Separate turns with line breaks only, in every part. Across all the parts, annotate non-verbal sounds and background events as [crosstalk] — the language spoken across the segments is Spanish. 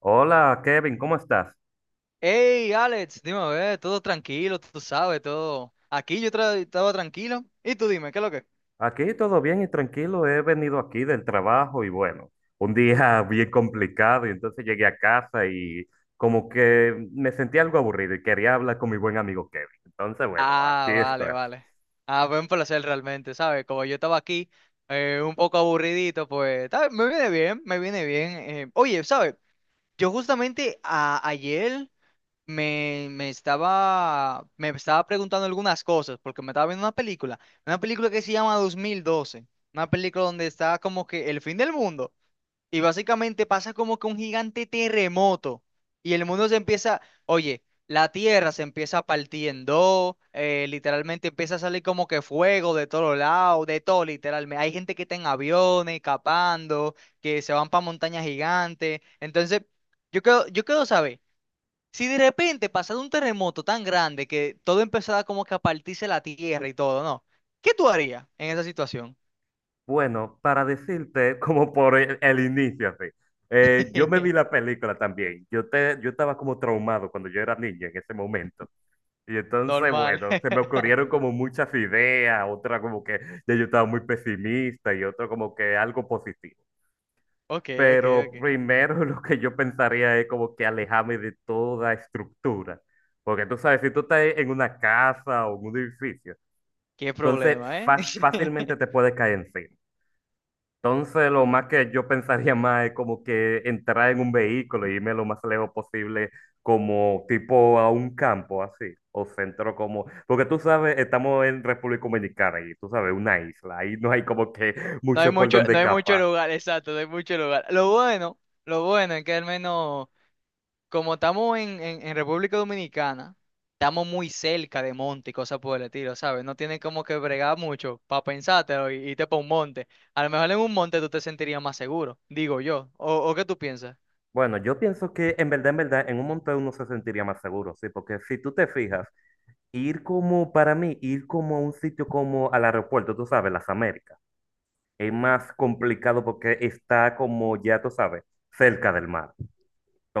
Hola Kevin, ¿cómo estás?
Hey, Alex, dime, a ver, todo tranquilo, tú sabes, todo. Aquí yo estaba tranquilo. Y tú dime, ¿qué es lo que?
Aquí todo bien y tranquilo. He venido aquí del trabajo y bueno, un día [laughs] bien complicado y entonces llegué a casa y como que me sentí algo aburrido y quería hablar con mi buen amigo Kevin. Entonces, bueno, aquí
Ah,
estoy.
vale, vale. Ah, fue un placer realmente, ¿sabes? Como yo estaba aquí, un poco aburridito, pues me viene bien, me viene bien. Oye, ¿sabes? Yo justamente ayer me estaba preguntando algunas cosas, porque me estaba viendo una película que se llama 2012, una película donde está como que el fin del mundo. Y básicamente pasa como que un gigante terremoto y el mundo se empieza, oye, la tierra se empieza a partir en dos, literalmente empieza a salir como que fuego de todos lados, de todo literalmente. Hay gente que está en aviones, escapando, que se van para montañas gigantes. Entonces, yo quiero saber, si de repente pasado un terremoto tan grande que todo empezaba como que a partirse la tierra y todo, ¿no? ¿Qué tú harías en esa situación?
Bueno, para decirte, [laughs] como por el inicio, así, yo me vi la
[laughs]
película también. Yo estaba como traumado cuando yo era niño en ese momento. Y entonces,
Normal.
bueno, se me
[laughs]
ocurrieron como muchas ideas, otra como que ya yo estaba muy pesimista y otra como que algo positivo.
Ok, ok,
Pero
ok.
primero [laughs] lo que yo pensaría es como que alejarme de toda estructura. Porque tú sabes, si tú estás en una casa o en un edificio,
Qué
entonces
problema, ¿eh?
fácilmente te
[laughs]
puedes caer encima. Entonces, lo más que yo pensaría más es como que entrar en un vehículo y irme lo más lejos posible, como tipo a un campo así, o centro como, porque tú sabes, estamos en República Dominicana y tú sabes, una isla, ahí no hay como que [laughs]
No hay
mucho por
mucho,
donde
no hay mucho
escapar.
lugar, exacto, no hay mucho lugar. Lo bueno es que al menos, como estamos en República Dominicana, estamos muy cerca de monte y cosas por el estilo, ¿sabes? No tienes como que bregar mucho para pensártelo y irte para un monte. A lo mejor en un monte tú te sentirías más seguro, digo yo. ¿O qué tú piensas?
Bueno, yo pienso que en verdad, en verdad, en un monte uno se sentiría más seguro, sí, porque si tú te fijas, ir como, para mí, ir como a un sitio como al aeropuerto, tú sabes, las Américas, es más complicado porque está como, ya tú sabes, cerca del mar.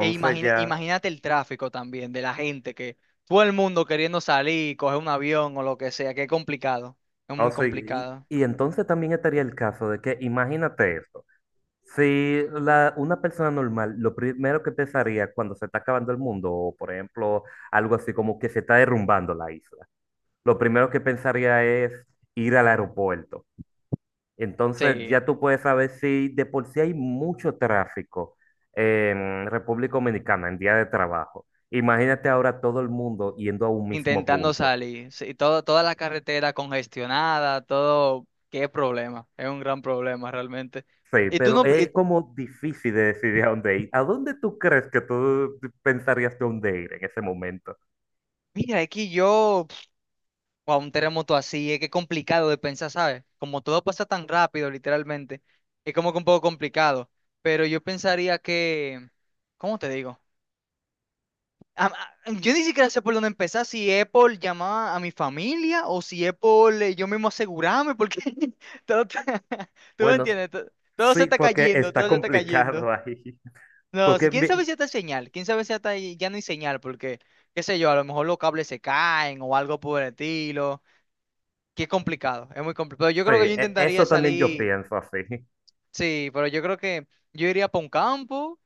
E
ya,
imagínate el tráfico también de la gente que todo el mundo queriendo salir, coger un avión o lo que sea, que es complicado, es
ah, o
muy
sea, y,
complicado.
y entonces también estaría el caso de que, imagínate esto, si una persona normal, lo primero que pensaría cuando se está acabando el mundo, o por ejemplo, algo así como que se está derrumbando la isla, lo primero que pensaría es ir al aeropuerto. Entonces
Sí.
ya tú puedes saber si de por sí hay mucho tráfico en República Dominicana en día de trabajo. Imagínate ahora todo el mundo yendo a un mismo
Intentando
punto.
salir. Sí, toda la carretera congestionada, todo, qué problema. Es un gran problema realmente.
Sí,
Y tú
pero
no,
es como difícil de decidir a dónde ir. ¿A dónde tú crees que tú pensarías de dónde ir en ese momento?
mira, es que yo, a un terremoto así, es que es complicado de pensar, ¿sabes? Como todo pasa tan rápido, literalmente, es como que un poco complicado. Pero yo pensaría que, ¿cómo te digo? a- yo ni siquiera sé por dónde empezar, si Apple llamaba a mi familia o si Apple yo mismo asegurarme, porque [laughs] todo, te- [laughs] tú me
Bueno,
entiendes, todo, se
sí,
está
porque
cayendo,
está
todo se está cayendo.
complicado ahí. [laughs]
No, si quién sabe
Sí,
si está señal, quién sabe si hasta ahí ya no hay señal, porque, qué sé yo, a lo mejor los cables se caen o algo por el estilo, que es complicado, es muy complicado. Yo creo que yo intentaría
eso también yo
salir.
pienso así. [laughs]
Sí, pero yo creo que yo iría para un campo,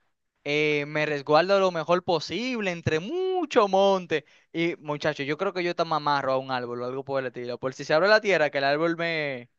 me resguardo lo mejor posible entre mucho monte. Y muchacho, yo creo que yo te me amarro a un árbol o algo por el estilo. Por si se abre la tierra, que el árbol me,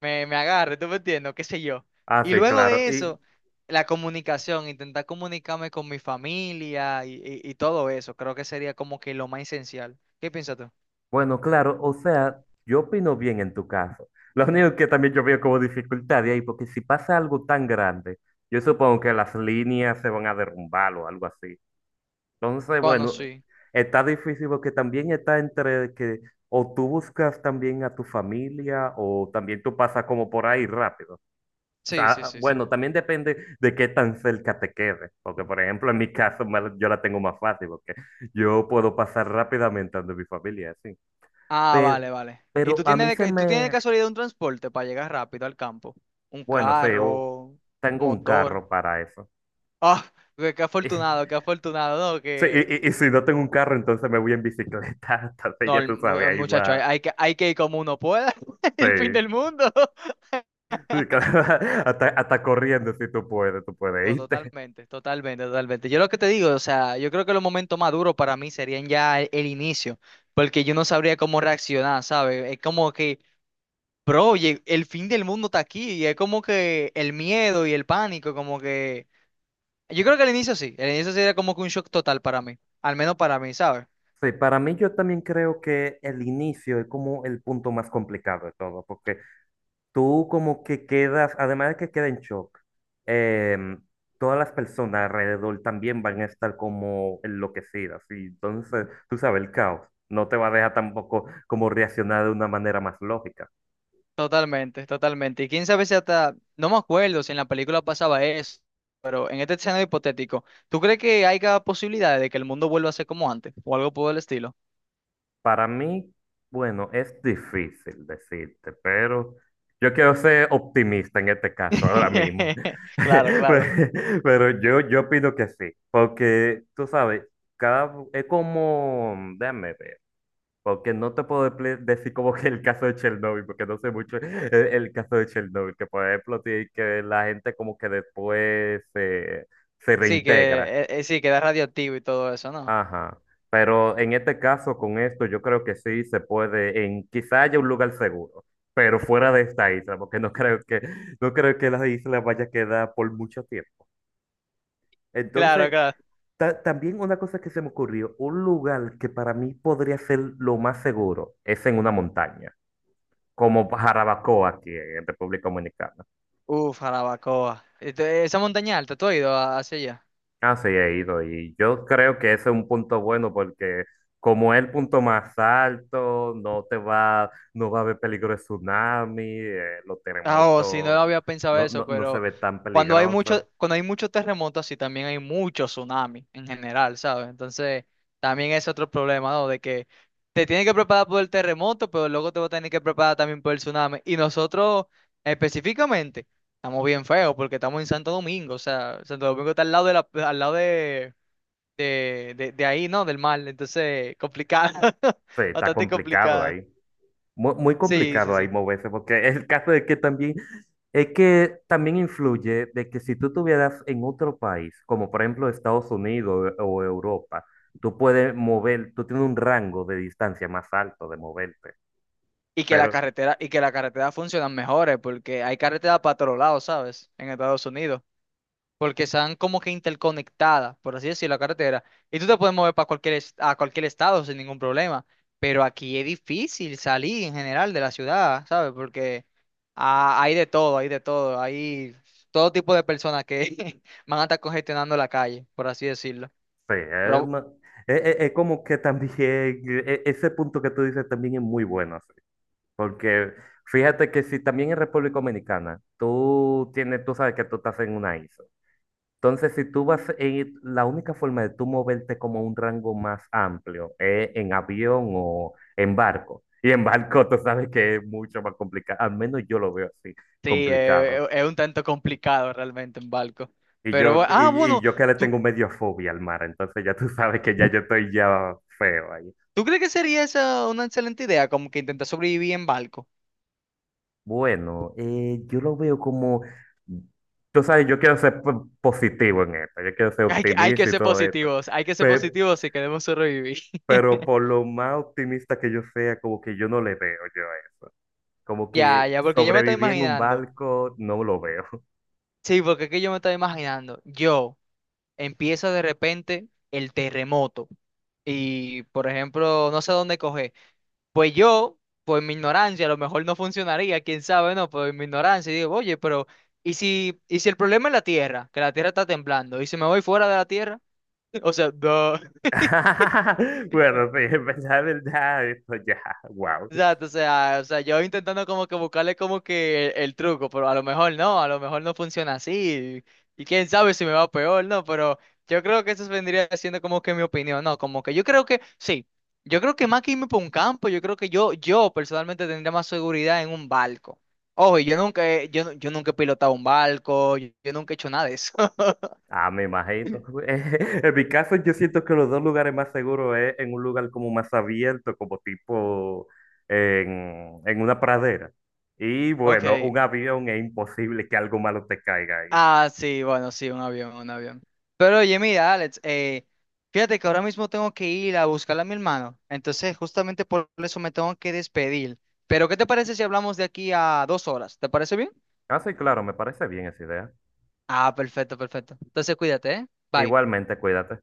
me, me agarre, ¿tú me entiendes? ¿Qué sé yo?
Ah,
Y
sí,
luego
claro.
de
Y
eso, la comunicación, intentar comunicarme con mi familia y todo eso, creo que sería como que lo más esencial. ¿Qué piensas tú?
bueno, claro, o sea, yo opino bien en tu caso. [laughs] Lo único que también yo veo como dificultad de ahí, porque si pasa algo tan grande, yo supongo que las líneas se van a derrumbar o algo así. Entonces,
Bueno,
bueno,
sí.
está difícil porque también está entre que o tú buscas también a tu familia o también tú pasas como por ahí rápido. O
Sí, sí,
sea,
sí, sí.
bueno, también depende de qué tan cerca te quedes. Porque, por ejemplo, en mi caso yo la tengo más fácil porque yo puedo pasar rápidamente ante mi familia, así.
Ah,
Pero,
vale, vale. ¿Y
pero
tú
a
tienes
mí
de,
se
ca- tú tienes de
me,
casualidad un transporte para llegar rápido al campo? Un
bueno, sí,
carro,
tengo un
motor.
carro para eso.
Ah, qué afortunado, qué
[laughs]
afortunado, ¿no?
Sí, y,
Que...
y- y si no tengo un carro, entonces me voy en bicicleta. [laughs] Entonces
No,
ya tú sabes,
el
ahí
muchacho,
va.
hay que ir como uno pueda. [laughs] El fin
Sí.
del mundo. [laughs]
Sí, [laughs] hasta, hasta corriendo, si tú puedes, tú puedes
No,
irte.
totalmente, totalmente, totalmente. Yo lo que te digo, o sea, yo creo que los momentos más duros para mí serían ya el inicio, porque yo no sabría cómo reaccionar, ¿sabes? Es como que, bro, el fin del mundo está aquí, y es como que el miedo y el pánico, como que... Yo creo que al inicio sí era como que un shock total para mí, al menos para mí, ¿sabes?
Sí, para mí yo también creo que el inicio es como el punto más complicado de todo, porque tú como que quedas, además de que queda en shock, em, todas las personas alrededor también van a estar como enloquecidas, y entonces, tú sabes, el caos no te va a dejar tampoco como reaccionar de una manera más lógica.
Totalmente, totalmente. Y quién sabe si hasta, no me acuerdo si en la película pasaba eso, pero en este escenario hipotético, ¿tú crees que haya posibilidades de que el mundo vuelva a ser como antes o algo por el estilo?
Para mí, bueno, es difícil decirte, pero yo quiero ser optimista en este caso ahora mismo.
[laughs] Claro, claro.
[laughs] Pero yo opino que sí, porque tú sabes, cada, es como, déjame ver, porque no te puedo decir como que el caso de Chernobyl, porque no sé mucho el caso de Chernobyl, que por ejemplo, sí, que la gente como que se
Sí, que
reintegra.
sí, queda radioactivo y todo eso, ¿no?
Ajá. Pero en este caso, con esto, yo creo que sí se puede, en quizá haya un lugar seguro, pero fuera de esta isla, porque no creo que la isla vaya a quedar por mucho tiempo.
Claro,
Entonces,
claro.
también una cosa que se me ocurrió, un lugar que para mí podría ser lo más seguro es en una montaña, como Jarabacoa aquí en República Dominicana.
Uf, Jarabacoa. Este, esa montaña alta, ¿tú has ido hacia allá?
Ah, sí, he ido y yo creo que ese es un punto bueno porque como es el punto más alto, no va a haber peligro de tsunami, los
Ah, oh, sí, no lo
terremotos
había pensado
no,
eso,
no, no se
pero
ve tan peligroso.
cuando hay muchos terremotos, sí, también hay muchos tsunamis en general, ¿sabes? Entonces, también es otro problema, ¿no? De que te tienes que preparar por el terremoto, pero luego te vas a tener que preparar también por el tsunami. Y nosotros, específicamente, estamos bien feos porque estamos en Santo Domingo, o sea, Santo Domingo está al lado al lado de ahí, ¿no? Del mar, entonces, complicado, [laughs]
Sí, está
bastante
complicado
complicado.
ahí, muy, muy
Sí, sí,
complicado ahí
sí.
moverse porque el caso de que también, es que también influye de que si tú estuvieras en otro país, como por ejemplo Estados Unidos o Europa, tú tienes un rango de distancia más alto de moverte.
Y que la
Pero
carretera, y que la carretera funcionan mejores, porque hay carreteras para todos lados, ¿sabes? En Estados Unidos. Porque están como que interconectadas, por así decirlo, la carretera. Y tú te puedes mover a cualquier estado sin ningún problema. Pero aquí es difícil salir en general de la ciudad, ¿sabes? Porque hay de todo, hay de todo. Hay todo tipo de personas que [laughs] van a estar congestionando la calle, por así decirlo.
sí, es,
Pero,
es como que también, [laughs] ese punto que tú dices también es muy bueno, sí. Porque fíjate que si también en República Dominicana, tú tienes, tú sabes que tú estás en una isla. Entonces, si tú vas, en, la única forma de tú moverte como un rango más amplio es en avión o en barco. Y en barco tú sabes que es mucho más complicado, al menos yo lo veo así,
sí,
complicado.
es un tanto complicado realmente en barco.
Y
Pero,
yo, y, y
bueno.
yo que le
tú
tengo medio fobia al mar, entonces ya tú sabes que ya yo estoy ya feo.
¿Tú crees que sería esa una excelente idea? Como que intentar sobrevivir en barco.
Bueno, yo lo veo como, tú sabes, yo quiero ser positivo en esto, yo quiero ser
Hay que
optimista y
ser
todo esto,
positivos, hay que ser
pero,
positivos si queremos sobrevivir. [laughs]
pero por lo más optimista que yo sea, como que yo no le veo yo a eso, como
Ya,
que
ya, porque yo me estoy
sobreviví en un
imaginando.
barco, no lo veo.
Sí, porque es que yo me estoy imaginando. Yo empiezo de repente el terremoto. Y, por ejemplo, no sé dónde coger. Pues yo, por mi ignorancia, a lo mejor no funcionaría, quién sabe, no, por mi ignorancia. Y digo, oye, pero, ¿y si el problema es la Tierra? Que la Tierra está temblando. ¿Y si me voy fuera de la Tierra? [laughs] O sea, no. [laughs]
[laughs] Bueno, sí, en verdad, esto ya, wow.
Exacto, o sea, yo intentando como que buscarle como que el truco, pero a lo mejor no, a lo mejor no funciona así, y, quién sabe si me va peor, ¿no? Pero yo creo que eso vendría siendo como que mi opinión, ¿no? Como que yo creo que, sí, yo creo que más que irme por un campo, yo creo que yo personalmente tendría más seguridad en un barco. Ojo, y yo nunca he pilotado un barco, yo nunca he hecho nada de eso. [laughs]
Ah, me imagino. [laughs] En mi caso, yo siento que los dos lugares más seguros es en un lugar como más abierto, como tipo en una pradera. Y bueno,
Ok.
un avión es imposible que algo malo te caiga ahí.
Ah, sí, bueno, sí, un avión, un avión. Pero oye, mira, Alex, fíjate que ahora mismo tengo que ir a buscar a mi hermano. Entonces, justamente por eso me tengo que despedir. Pero, ¿qué te parece si hablamos de aquí a 2 horas? ¿Te parece bien?
Ah, sí, claro, me parece bien esa idea.
Ah, perfecto, perfecto. Entonces, cuídate, ¿eh? Bye.
Igualmente, cuídate.